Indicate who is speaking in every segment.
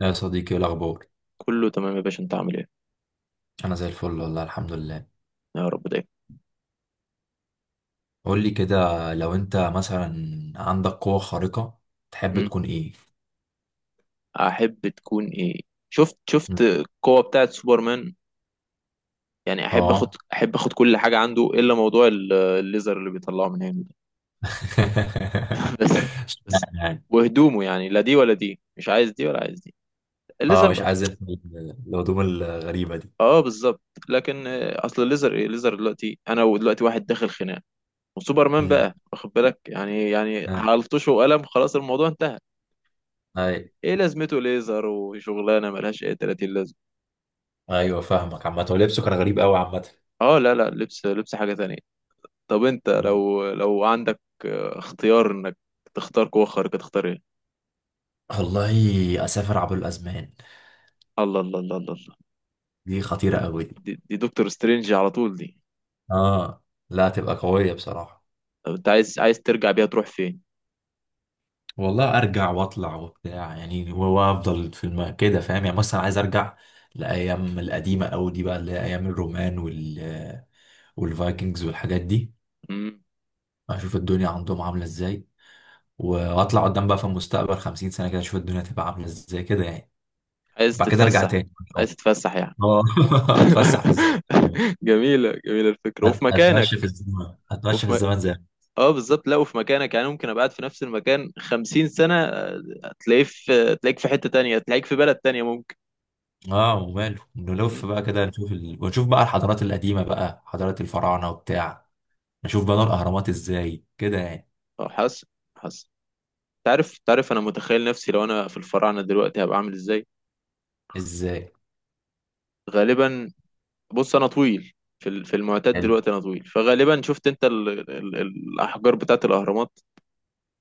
Speaker 1: يا صديقي، إيه الأخبار؟
Speaker 2: كله تمام يا باشا، انت عامل ايه؟
Speaker 1: أنا زي الفل والله، الحمد لله.
Speaker 2: يا رب دايما.
Speaker 1: قول لي كده، لو أنت مثلا عندك قوة خارقة تحب
Speaker 2: مم.
Speaker 1: تكون إيه؟
Speaker 2: احب تكون ايه؟ شفت
Speaker 1: م.
Speaker 2: شفت القوة بتاعت سوبرمان، يعني احب اخد
Speaker 1: آه.
Speaker 2: احب اخد كل حاجة عنده الا موضوع الليزر اللي بيطلعه من هنا ده. بس
Speaker 1: لا،
Speaker 2: بس
Speaker 1: يعني،
Speaker 2: وهدومه، يعني لا دي ولا دي، مش عايز دي ولا عايز دي.
Speaker 1: آه
Speaker 2: الليزر
Speaker 1: مش
Speaker 2: بقى.
Speaker 1: عايز أنت الهدوم الغريبة دي.
Speaker 2: اه بالظبط. لكن اصل الليزر، ايه الليزر دلوقتي؟ انا ودلوقتي واحد داخل خناق وسوبرمان،
Speaker 1: م.
Speaker 2: بقى واخد بالك، يعني يعني
Speaker 1: آه.
Speaker 2: هلطشه وقلم خلاص الموضوع انتهى.
Speaker 1: أي.
Speaker 2: ايه لازمته ليزر وشغلانه ملهاش اي 30.
Speaker 1: أيوه فاهمك. عامة هو لبسه كان غريب أوي عامة.
Speaker 2: اه لا لا، لبس حاجة تانية. طب انت
Speaker 1: م.
Speaker 2: لو عندك اختيار انك تختار قوة خارقة، تختار ايه؟
Speaker 1: والله أسافر عبر الأزمان.
Speaker 2: الله الله الله الله الله.
Speaker 1: دي خطيرة أوي دي.
Speaker 2: دي دكتور سترينج على طول دي.
Speaker 1: آه. لا، تبقى قوية بصراحة.
Speaker 2: طب انت عايز ترجع بيها تروح فين؟
Speaker 1: والله ارجع واطلع وبتاع، يعني هو وافضل في كده، فاهم؟ يعني مثلا عايز ارجع لايام القديمه قوي دي، بقى اللي هي ايام الرومان والفايكنجز والحاجات دي.
Speaker 2: مم.
Speaker 1: اشوف الدنيا عندهم عامله ازاي، واطلع قدام بقى في المستقبل 50 سنه كده، اشوف الدنيا تبقى عامله ازاي كده يعني.
Speaker 2: عايز
Speaker 1: وبعد كده ارجع
Speaker 2: تتفسح؟
Speaker 1: تاني ان شاء
Speaker 2: عايز تتفسح يعني؟
Speaker 1: الله. اه، اتفسح في الزمن.
Speaker 2: جميلة جميلة الفكرة، وفي مكانك.
Speaker 1: اتمشى في
Speaker 2: وفي م...
Speaker 1: الزمن زي...
Speaker 2: اه بالظبط، لا وفي مكانك، يعني ممكن ابقى قاعد في نفس المكان خمسين سنة هتلاقيه في تلاقيك في حتة تانية، تلاقيك في بلد تانية ممكن.
Speaker 1: اه وماله، نلف
Speaker 2: مم.
Speaker 1: بقى كده نشوف ونشوف بقى الحضارات القديمه، بقى حضارات الفراعنه وبتاع. اشوف بنى الاهرامات ازاي كده يعني.
Speaker 2: اه حاسس حاسس. تعرف انا متخيل نفسي لو انا في الفراعنه دلوقتي هبقى عامل ازاي.
Speaker 1: ازاي؟
Speaker 2: غالبا بص انا طويل. في المعتاد
Speaker 1: حلو.
Speaker 2: دلوقتي انا طويل، فغالبا شفت انت ال ال الاحجار بتاعت الاهرامات،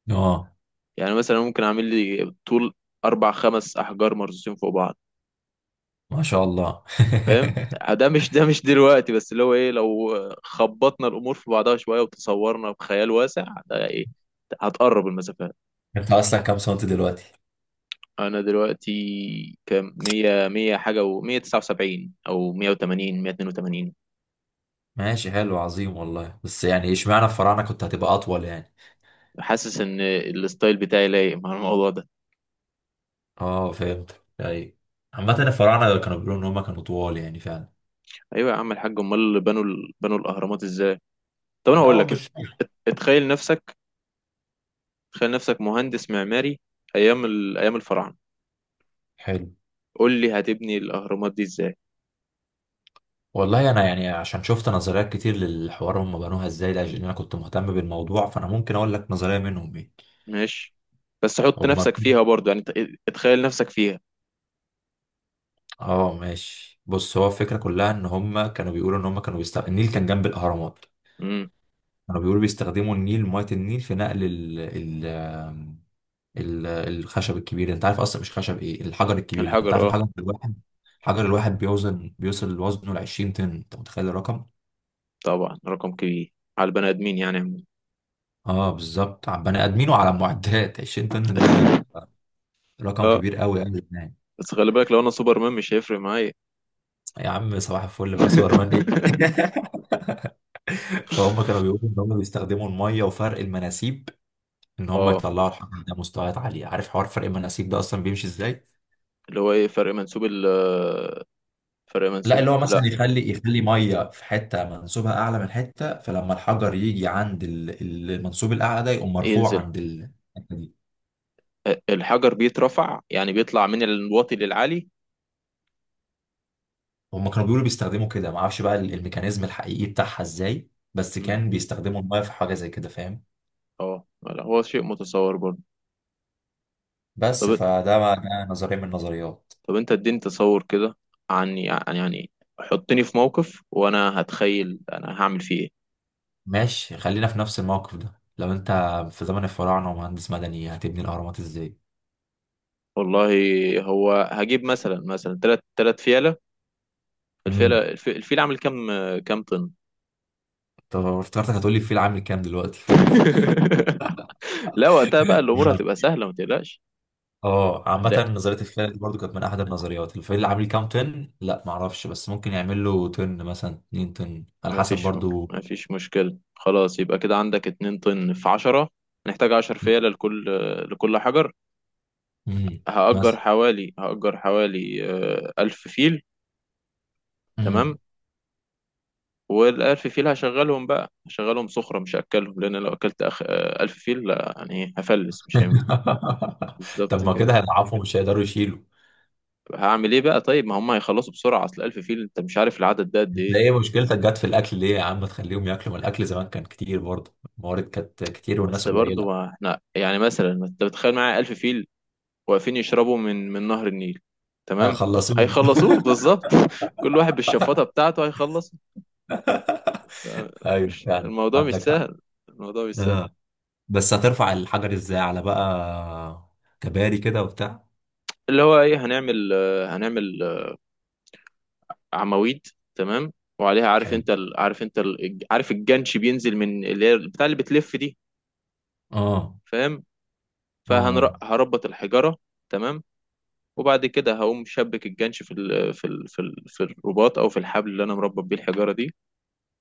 Speaker 1: اه.
Speaker 2: يعني مثلا ممكن اعمل لي طول اربع خمس احجار مرصوصين فوق بعض.
Speaker 1: ما شاء الله.
Speaker 2: فاهم؟ ده مش دلوقتي بس، اللي هو ايه لو خبطنا الامور في بعضها شويه وتصورنا بخيال واسع ده، ايه؟ هتقرب المسافات.
Speaker 1: انت اصلا كام سنت دلوقتي؟
Speaker 2: انا دلوقتي كام؟ 100 100 حاجه و 179 او 180 182.
Speaker 1: ماشي، حلو، عظيم والله. بس يعني اشمعنى الفراعنة كنت هتبقى اطول يعني؟
Speaker 2: حاسس ان الستايل بتاعي لايق مع الموضوع ده.
Speaker 1: اه فهمت، ايوه. عامة الفراعنة كانوا بيقولوا ان هم كانوا طوال يعني، فعلا.
Speaker 2: ايوه يا عم الحاج، امال اللي بنوا الاهرامات ازاي؟ طب انا
Speaker 1: لا
Speaker 2: هقول
Speaker 1: هو
Speaker 2: لك،
Speaker 1: مش
Speaker 2: اتخيل نفسك، تخيل نفسك مهندس معماري ايام الفراعنه،
Speaker 1: حلو.
Speaker 2: قول لي هتبني الاهرامات دي ازاي؟
Speaker 1: والله انا يعني عشان شفت نظريات كتير للحوار هم بنوها ازاي، لاجل إن انا كنت مهتم بالموضوع، فانا ممكن اقول لك نظرية منهم ايه.
Speaker 2: ماشي، بس حط
Speaker 1: هم.
Speaker 2: نفسك فيها برضه، يعني اتخيل نفسك فيها.
Speaker 1: اه ماشي. بص، هو الفكره كلها ان هم كانوا بيقولوا ان هم كانوا بيستخدموا النيل، كان جنب الاهرامات.
Speaker 2: امم.
Speaker 1: كانوا بيقولوا بيستخدموا النيل، ميه النيل، في نقل الخشب الكبير ده. انت عارف اصلا مش خشب، ايه، الحجر الكبير ده. انت عارف
Speaker 2: الحجر اه.
Speaker 1: الحجر الواحد بيوصل وزنه ل 20 طن. انت متخيل الرقم؟
Speaker 2: طبعا رقم كبير على البني ادمين يعني عموماً.
Speaker 1: اه بالظبط، على بني ادمين وعلى معدات 20 طن ده رقم
Speaker 2: اه،
Speaker 1: كبير قوي قوي يعني.
Speaker 2: بس خلي بالك لو انا سوبرمان مش هيفرق معايا.
Speaker 1: يا عم صباح الفل بقى، سوبرمان ايه. فهم كانوا بيقولوا ان هم بيستخدموا الميه وفرق المناسيب، ان هم
Speaker 2: اه،
Speaker 1: يطلعوا الحجر ده مستويات عاليه. عارف حوار فرق المناسيب ده اصلا بيمشي ازاي؟
Speaker 2: اللي هو ايه فرق منسوب
Speaker 1: لا، اللي هو
Speaker 2: لا.
Speaker 1: مثلا يخلي ميه في حته منسوبها اعلى من حته، فلما الحجر يجي عند المنسوب الاعلى ده يقوم مرفوع
Speaker 2: ينزل.
Speaker 1: عند الحته دي.
Speaker 2: الحجر بيترفع يعني، بيطلع من الواطي للعالي.
Speaker 1: هم كانوا بيقولوا بيستخدموا كده، ما اعرفش بقى الميكانيزم الحقيقي بتاعها ازاي، بس
Speaker 2: مم.
Speaker 1: كان بيستخدموا الميه في حاجه زي كده، فاهم؟
Speaker 2: اه لا، هو شيء متصور برضه. طب
Speaker 1: بس ده نظريه من النظريات.
Speaker 2: طب انت اديني تصور كده، عن يعني يعني حطني في موقف وانا هتخيل انا هعمل فيه ايه.
Speaker 1: ماشي، خلينا في نفس الموقف ده. لو انت في زمن الفراعنه ومهندس مدني، هتبني الاهرامات ازاي؟
Speaker 2: والله هو هجيب مثلا تلات فيلة. الفيلة
Speaker 1: امم.
Speaker 2: الفيل عامل كام؟ كام طن؟
Speaker 1: طب افتكرتك هتقولي الفيل عامل كام دلوقتي فلوس.
Speaker 2: لا وقتها بقى الامور هتبقى سهلة، ما تقلقش.
Speaker 1: اه
Speaker 2: هنلاقي.
Speaker 1: عامة نظرية الفيل دي برضو كانت من أحد النظريات. الفيل عامل كام طن؟ لا معرفش، بس ممكن يعمل له طن، مثلا 2 طن على
Speaker 2: ما
Speaker 1: حسب
Speaker 2: فيش
Speaker 1: برضو.
Speaker 2: ما فيش مشكلة، خلاص يبقى كده عندك اتنين طن في عشرة. هنحتاج عشر فيلة لكل حجر.
Speaker 1: امم.
Speaker 2: هأجر
Speaker 1: مثلا.
Speaker 2: حوالي هأجر حوالي ألف فيل. تمام.
Speaker 1: امم.
Speaker 2: والألف فيل هشغلهم بقى، هشغلهم صخرة مش هأكلهم، لأن لو أكلت أخ... آه، ألف فيل لا، يعني هفلس مش هينفع.
Speaker 1: طب
Speaker 2: بالظبط
Speaker 1: ما
Speaker 2: كده.
Speaker 1: كده هيضعفوا، مش هيقدروا يشيلوا.
Speaker 2: هعمل ايه بقى؟ طيب ما هم هيخلصوا بسرعة، اصل 1000 فيل انت مش عارف العدد ده قد
Speaker 1: انت
Speaker 2: ايه.
Speaker 1: ايه مشكلتك جت في الأكل ليه يا عم؟ تخليهم ياكلوا، ما الأكل زمان كان كتير برضو. الموارد كانت كتير
Speaker 2: بس
Speaker 1: والناس
Speaker 2: برضو
Speaker 1: قليلة.
Speaker 2: احنا يعني مثلا انت بتخيل معايا 1000 فيل واقفين يشربوا من نهر النيل.
Speaker 1: آه،
Speaker 2: تمام.
Speaker 1: خلصوه.
Speaker 2: هيخلصوه بالظبط. كل واحد بالشفاطة بتاعته هيخلص. آه،
Speaker 1: ايوه
Speaker 2: مش
Speaker 1: فعلا،
Speaker 2: الموضوع مش
Speaker 1: عندك حق.
Speaker 2: سهل، الموضوع مش سهل.
Speaker 1: بس هترفع الحجر ازاي على بقى، كباري كده وبتاع؟
Speaker 2: اللي هو ايه، هنعمل هنعمل عواميد. تمام. وعليها عارف
Speaker 1: حلو.
Speaker 2: انت عارف الجنش بينزل من اللي هي بتاع اللي بتلف دي.
Speaker 1: اه.
Speaker 2: فاهم؟
Speaker 1: اه. آه.
Speaker 2: فهربط الحجارة. تمام. وبعد كده هقوم شبك الجنش في الرباط او في الحبل اللي انا مربط بيه الحجارة دي.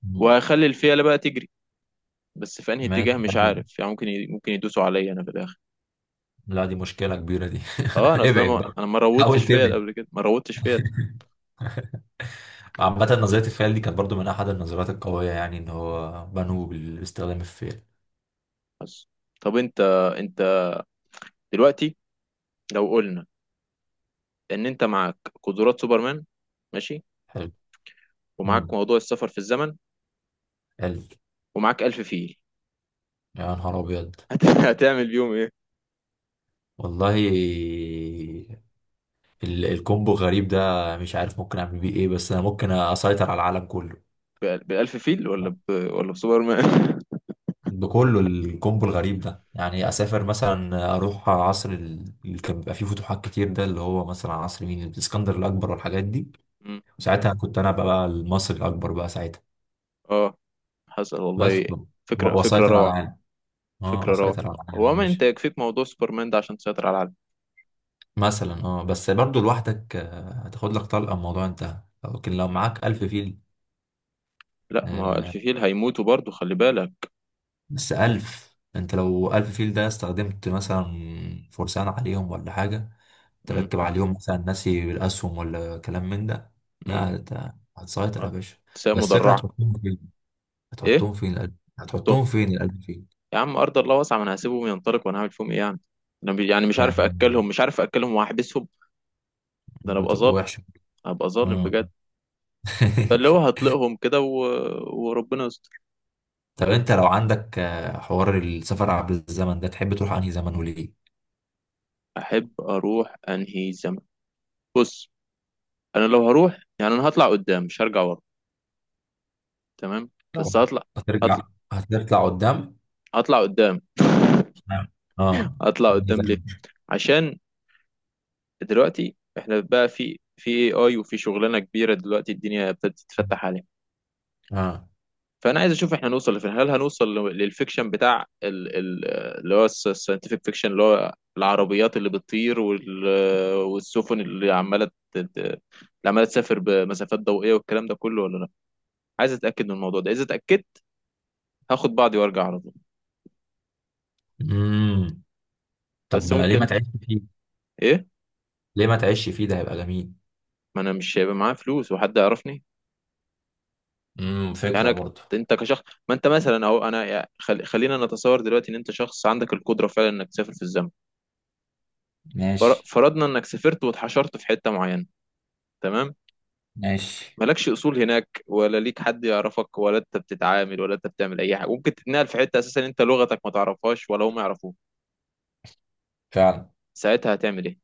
Speaker 1: مم.
Speaker 2: وهخلي الفيلة بقى تجري، بس في انهي اتجاه
Speaker 1: ماشي،
Speaker 2: مش
Speaker 1: حلو.
Speaker 2: عارف يعني ممكن ممكن يدوسوا عليا انا في الاخر.
Speaker 1: لا دي مشكلة كبيرة دي.
Speaker 2: اه انا اصلا
Speaker 1: ابعد
Speaker 2: ما...
Speaker 1: بقى.
Speaker 2: انا ما
Speaker 1: حاول
Speaker 2: روضتش فيا
Speaker 1: تبعد.
Speaker 2: قبل كده، ما روضتش فيا.
Speaker 1: عامة نظرية الفيل دي كانت برضو من أحد النظريات القوية، يعني إن هو بنوه باستخدام الفيل.
Speaker 2: بس طب انت دلوقتي لو قلنا ان انت معاك قدرات سوبرمان، ماشي،
Speaker 1: حلو. مم.
Speaker 2: ومعاك موضوع السفر في الزمن،
Speaker 1: حلو.
Speaker 2: ومعاك ألف فيل.
Speaker 1: يا نهار أبيض.
Speaker 2: هتعمل بيهم ايه؟
Speaker 1: والله الكومبو غريب ده. مش عارف ممكن أعمل بيه إيه، بس أنا ممكن أسيطر على العالم كله.
Speaker 2: بالألف فيل ولا ولا بسوبرمان؟
Speaker 1: بكله، الكومبو الغريب ده يعني. اسافر مثلا، اروح عصر اللي كان بيبقى فيه فتوحات كتير ده، اللي هو مثلا عصر مين، الاسكندر الاكبر والحاجات دي.
Speaker 2: مم.
Speaker 1: وساعتها كنت انا بقى المصري الاكبر بقى ساعتها.
Speaker 2: اه حصل والله.
Speaker 1: بس
Speaker 2: فكرة
Speaker 1: واسيطر على
Speaker 2: روعة.
Speaker 1: العالم. اه
Speaker 2: فكرة روعة.
Speaker 1: اسيطر على العالم
Speaker 2: هو
Speaker 1: يا
Speaker 2: ما
Speaker 1: باشا.
Speaker 2: انت يكفيك موضوع سوبرمان ده عشان تسيطر على العالم.
Speaker 1: مثلا، اه، بس برضو لوحدك هتاخد لك طلقه الموضوع انتهى. لكن لو معاك 1000 فيل.
Speaker 2: لا ما هو ألف
Speaker 1: آه،
Speaker 2: فيل هيموتوا برضو، خلي بالك.
Speaker 1: بس ألف انت لو 1000 فيل ده استخدمت مثلا فرسان عليهم ولا حاجة،
Speaker 2: مم.
Speaker 1: تركب عليهم مثلا، ناسي الاسهم ولا كلام من ده،
Speaker 2: مم.
Speaker 1: لا ده هتسيطر يا
Speaker 2: اه.
Speaker 1: باشا.
Speaker 2: ساقية
Speaker 1: بس الفكره،
Speaker 2: مدرعة. ايه؟
Speaker 1: هتحطهم فين القلب؟
Speaker 2: حطهم.
Speaker 1: هتحطهم فين القلب فين؟
Speaker 2: يا عم ارض الله واسعة، ما انا هسيبهم ينطلقوا، وانا هعمل فيهم ايه يعني؟ انا يعني مش عارف
Speaker 1: يعني
Speaker 2: اكلهم، مش عارف اكلهم واحبسهم. ده انا ابقى
Speaker 1: هتبقى
Speaker 2: ظالم،
Speaker 1: وحشه.
Speaker 2: هبقى ظالم
Speaker 1: آه.
Speaker 2: بجد. فاللي هو هطلقهم كده وربنا يستر.
Speaker 1: طب انت لو عندك حوار السفر عبر الزمن ده تحب تروح انهي زمن وليه؟
Speaker 2: احب اروح انهي زمن؟ بص انا لو هروح يعني، انا هطلع قدام مش هرجع ورا. تمام.
Speaker 1: لو
Speaker 2: بس هطلع.
Speaker 1: هترجع.
Speaker 2: هطلع
Speaker 1: هتطلع قدام.
Speaker 2: هطلع قدام.
Speaker 1: اه،
Speaker 2: هطلع
Speaker 1: في انهي
Speaker 2: قدام ليه؟
Speaker 1: زمن.
Speaker 2: عشان دلوقتي احنا بقى في اي وفي شغلانة كبيرة دلوقتي، الدنيا ابتدت تتفتح عليها.
Speaker 1: اه.
Speaker 2: فانا عايز اشوف احنا هنوصل لفين، هل هنوصل للفيكشن بتاع اللي هو الساينتفك فيكشن، اللي هو العربيات اللي بتطير والسفن اللي عماله اللي عماله تسافر بمسافات ضوئيه والكلام ده كله، ولا لا. عايز اتاكد من الموضوع ده، اذا اتاكدت هاخد بعضي وارجع على طول.
Speaker 1: امم.
Speaker 2: بس
Speaker 1: طب ليه
Speaker 2: ممكن.
Speaker 1: ما تعيش فيه؟
Speaker 2: ايه؟
Speaker 1: ده هيبقى جميل.
Speaker 2: ما انا مش هيبقى معايا فلوس وحد يعرفني.
Speaker 1: امم،
Speaker 2: يعني
Speaker 1: فكره برضه.
Speaker 2: انت كشخص، ما انت مثلا اهو، انا خلينا نتصور دلوقتي ان انت شخص عندك القدره فعلا انك تسافر في الزمن.
Speaker 1: ماشي.
Speaker 2: فرضنا انك سافرت واتحشرت في حته معينه. تمام.
Speaker 1: ماشي،
Speaker 2: مالكش اصول هناك، ولا ليك حد يعرفك، ولا انت بتتعامل، ولا انت بتعمل اي حاجه ممكن تتنقل في حته، اساسا انت لغتك ما تعرفهاش ولا هم يعرفوك.
Speaker 1: فعلا.
Speaker 2: ساعتها هتعمل ايه؟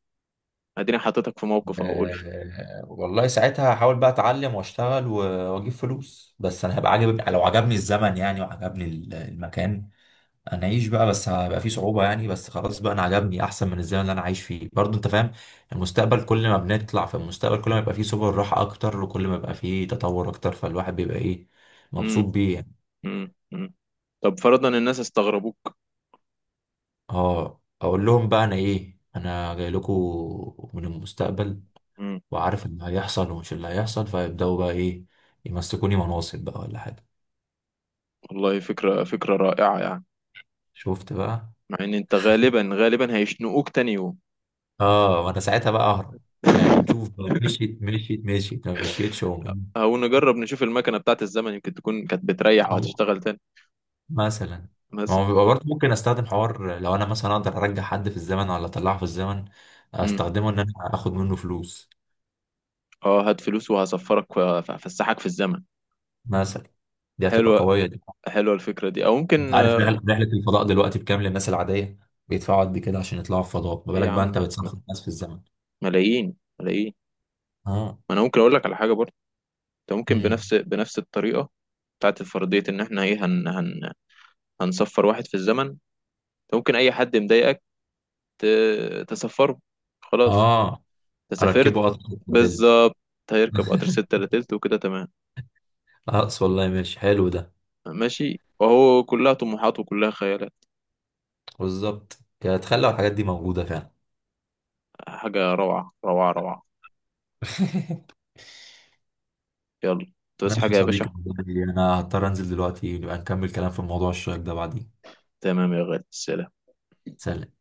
Speaker 2: اديني حطيتك في موقف اهو، قول لي.
Speaker 1: أه والله ساعتها هحاول بقى اتعلم واشتغل واجيب فلوس. بس انا هبقى عاجب لو عجبني الزمن يعني، وعجبني المكان. انا اعيش بقى، بس هيبقى فيه صعوبة يعني. بس خلاص بقى انا عجبني، احسن من الزمن اللي انا عايش فيه برضه، انت فاهم. المستقبل، كل ما بنطلع في المستقبل كل ما يبقى فيه سبل راحة اكتر، وكل ما يبقى فيه تطور اكتر، فالواحد بيبقى ايه، مبسوط
Speaker 2: امم.
Speaker 1: بيه يعني.
Speaker 2: امم. طب فرضا الناس استغربوك.
Speaker 1: اه، اقول لهم بقى انا ايه، انا جاي لكم من المستقبل،
Speaker 2: امم.
Speaker 1: وعارف ان هيحصل ومش اللي هيحصل، فيبداوا بقى ايه، يمسكوني مناصب بقى ولا حاجه.
Speaker 2: والله فكره، فكره رائعه يعني.
Speaker 1: شفت بقى.
Speaker 2: مع ان انت غالبا هيشنقوك تاني يوم.
Speaker 1: اه، وانا ساعتها بقى اهرب يعني. نشوف بقى، مشيت مشيت مشيت، ما مشيتش أقوم إيه؟
Speaker 2: او نجرب نشوف المكنه بتاعت الزمن يمكن تكون كانت بتريح
Speaker 1: أطلع.
Speaker 2: وهتشتغل تاني.
Speaker 1: مثلا. ما
Speaker 2: مثلا.
Speaker 1: هو بيبقى برضه ممكن استخدم حوار، لو انا مثلا اقدر ارجع حد في الزمن ولا اطلعه في الزمن،
Speaker 2: امم.
Speaker 1: استخدمه ان انا اخد منه فلوس
Speaker 2: اه هات فلوس وهسفرك هفسحك في الزمن.
Speaker 1: مثلا. دي هتبقى
Speaker 2: حلوه.
Speaker 1: قويه دي.
Speaker 2: حلوه الفكره دي، او
Speaker 1: انت
Speaker 2: ممكن.
Speaker 1: عارف رحلة الفضاء دلوقتي بكام للناس العاديه؟ بيدفعوا قد كده عشان يطلعوا الفضاء، ما
Speaker 2: ايه يا
Speaker 1: بالك بقى
Speaker 2: عم
Speaker 1: انت بتسافر الناس في الزمن.
Speaker 2: ملايين، ملايين.
Speaker 1: اه.
Speaker 2: ما انا ممكن اقول لك على حاجه برضه، انت ممكن
Speaker 1: امم.
Speaker 2: بنفس الطريقه بتاعت الفرضيه ان احنا ايه، هن هن هنصفر واحد في الزمن. انت ممكن اي حد مضايقك تسفره، خلاص،
Speaker 1: اه.
Speaker 2: انت سافرت.
Speaker 1: اركبه اصلا تلت.
Speaker 2: بالظبط. هيركب قطر ستة إلا تلت، وكده تمام.
Speaker 1: اقص والله، ماشي حلو ده.
Speaker 2: ماشي وهو كلها طموحات وكلها خيالات.
Speaker 1: بالظبط. يا تخلى الحاجات دي موجودة فعلا.
Speaker 2: حاجة روعة روعة روعة. يلا، انت بس
Speaker 1: ماشي يا
Speaker 2: حاجة يا باشا.
Speaker 1: صديقي، والله انا هضطر انزل دلوقتي. نبقى نكمل كلام في موضوع الشيك ده بعدين.
Speaker 2: تمام يا غالي، سلام.
Speaker 1: سلام.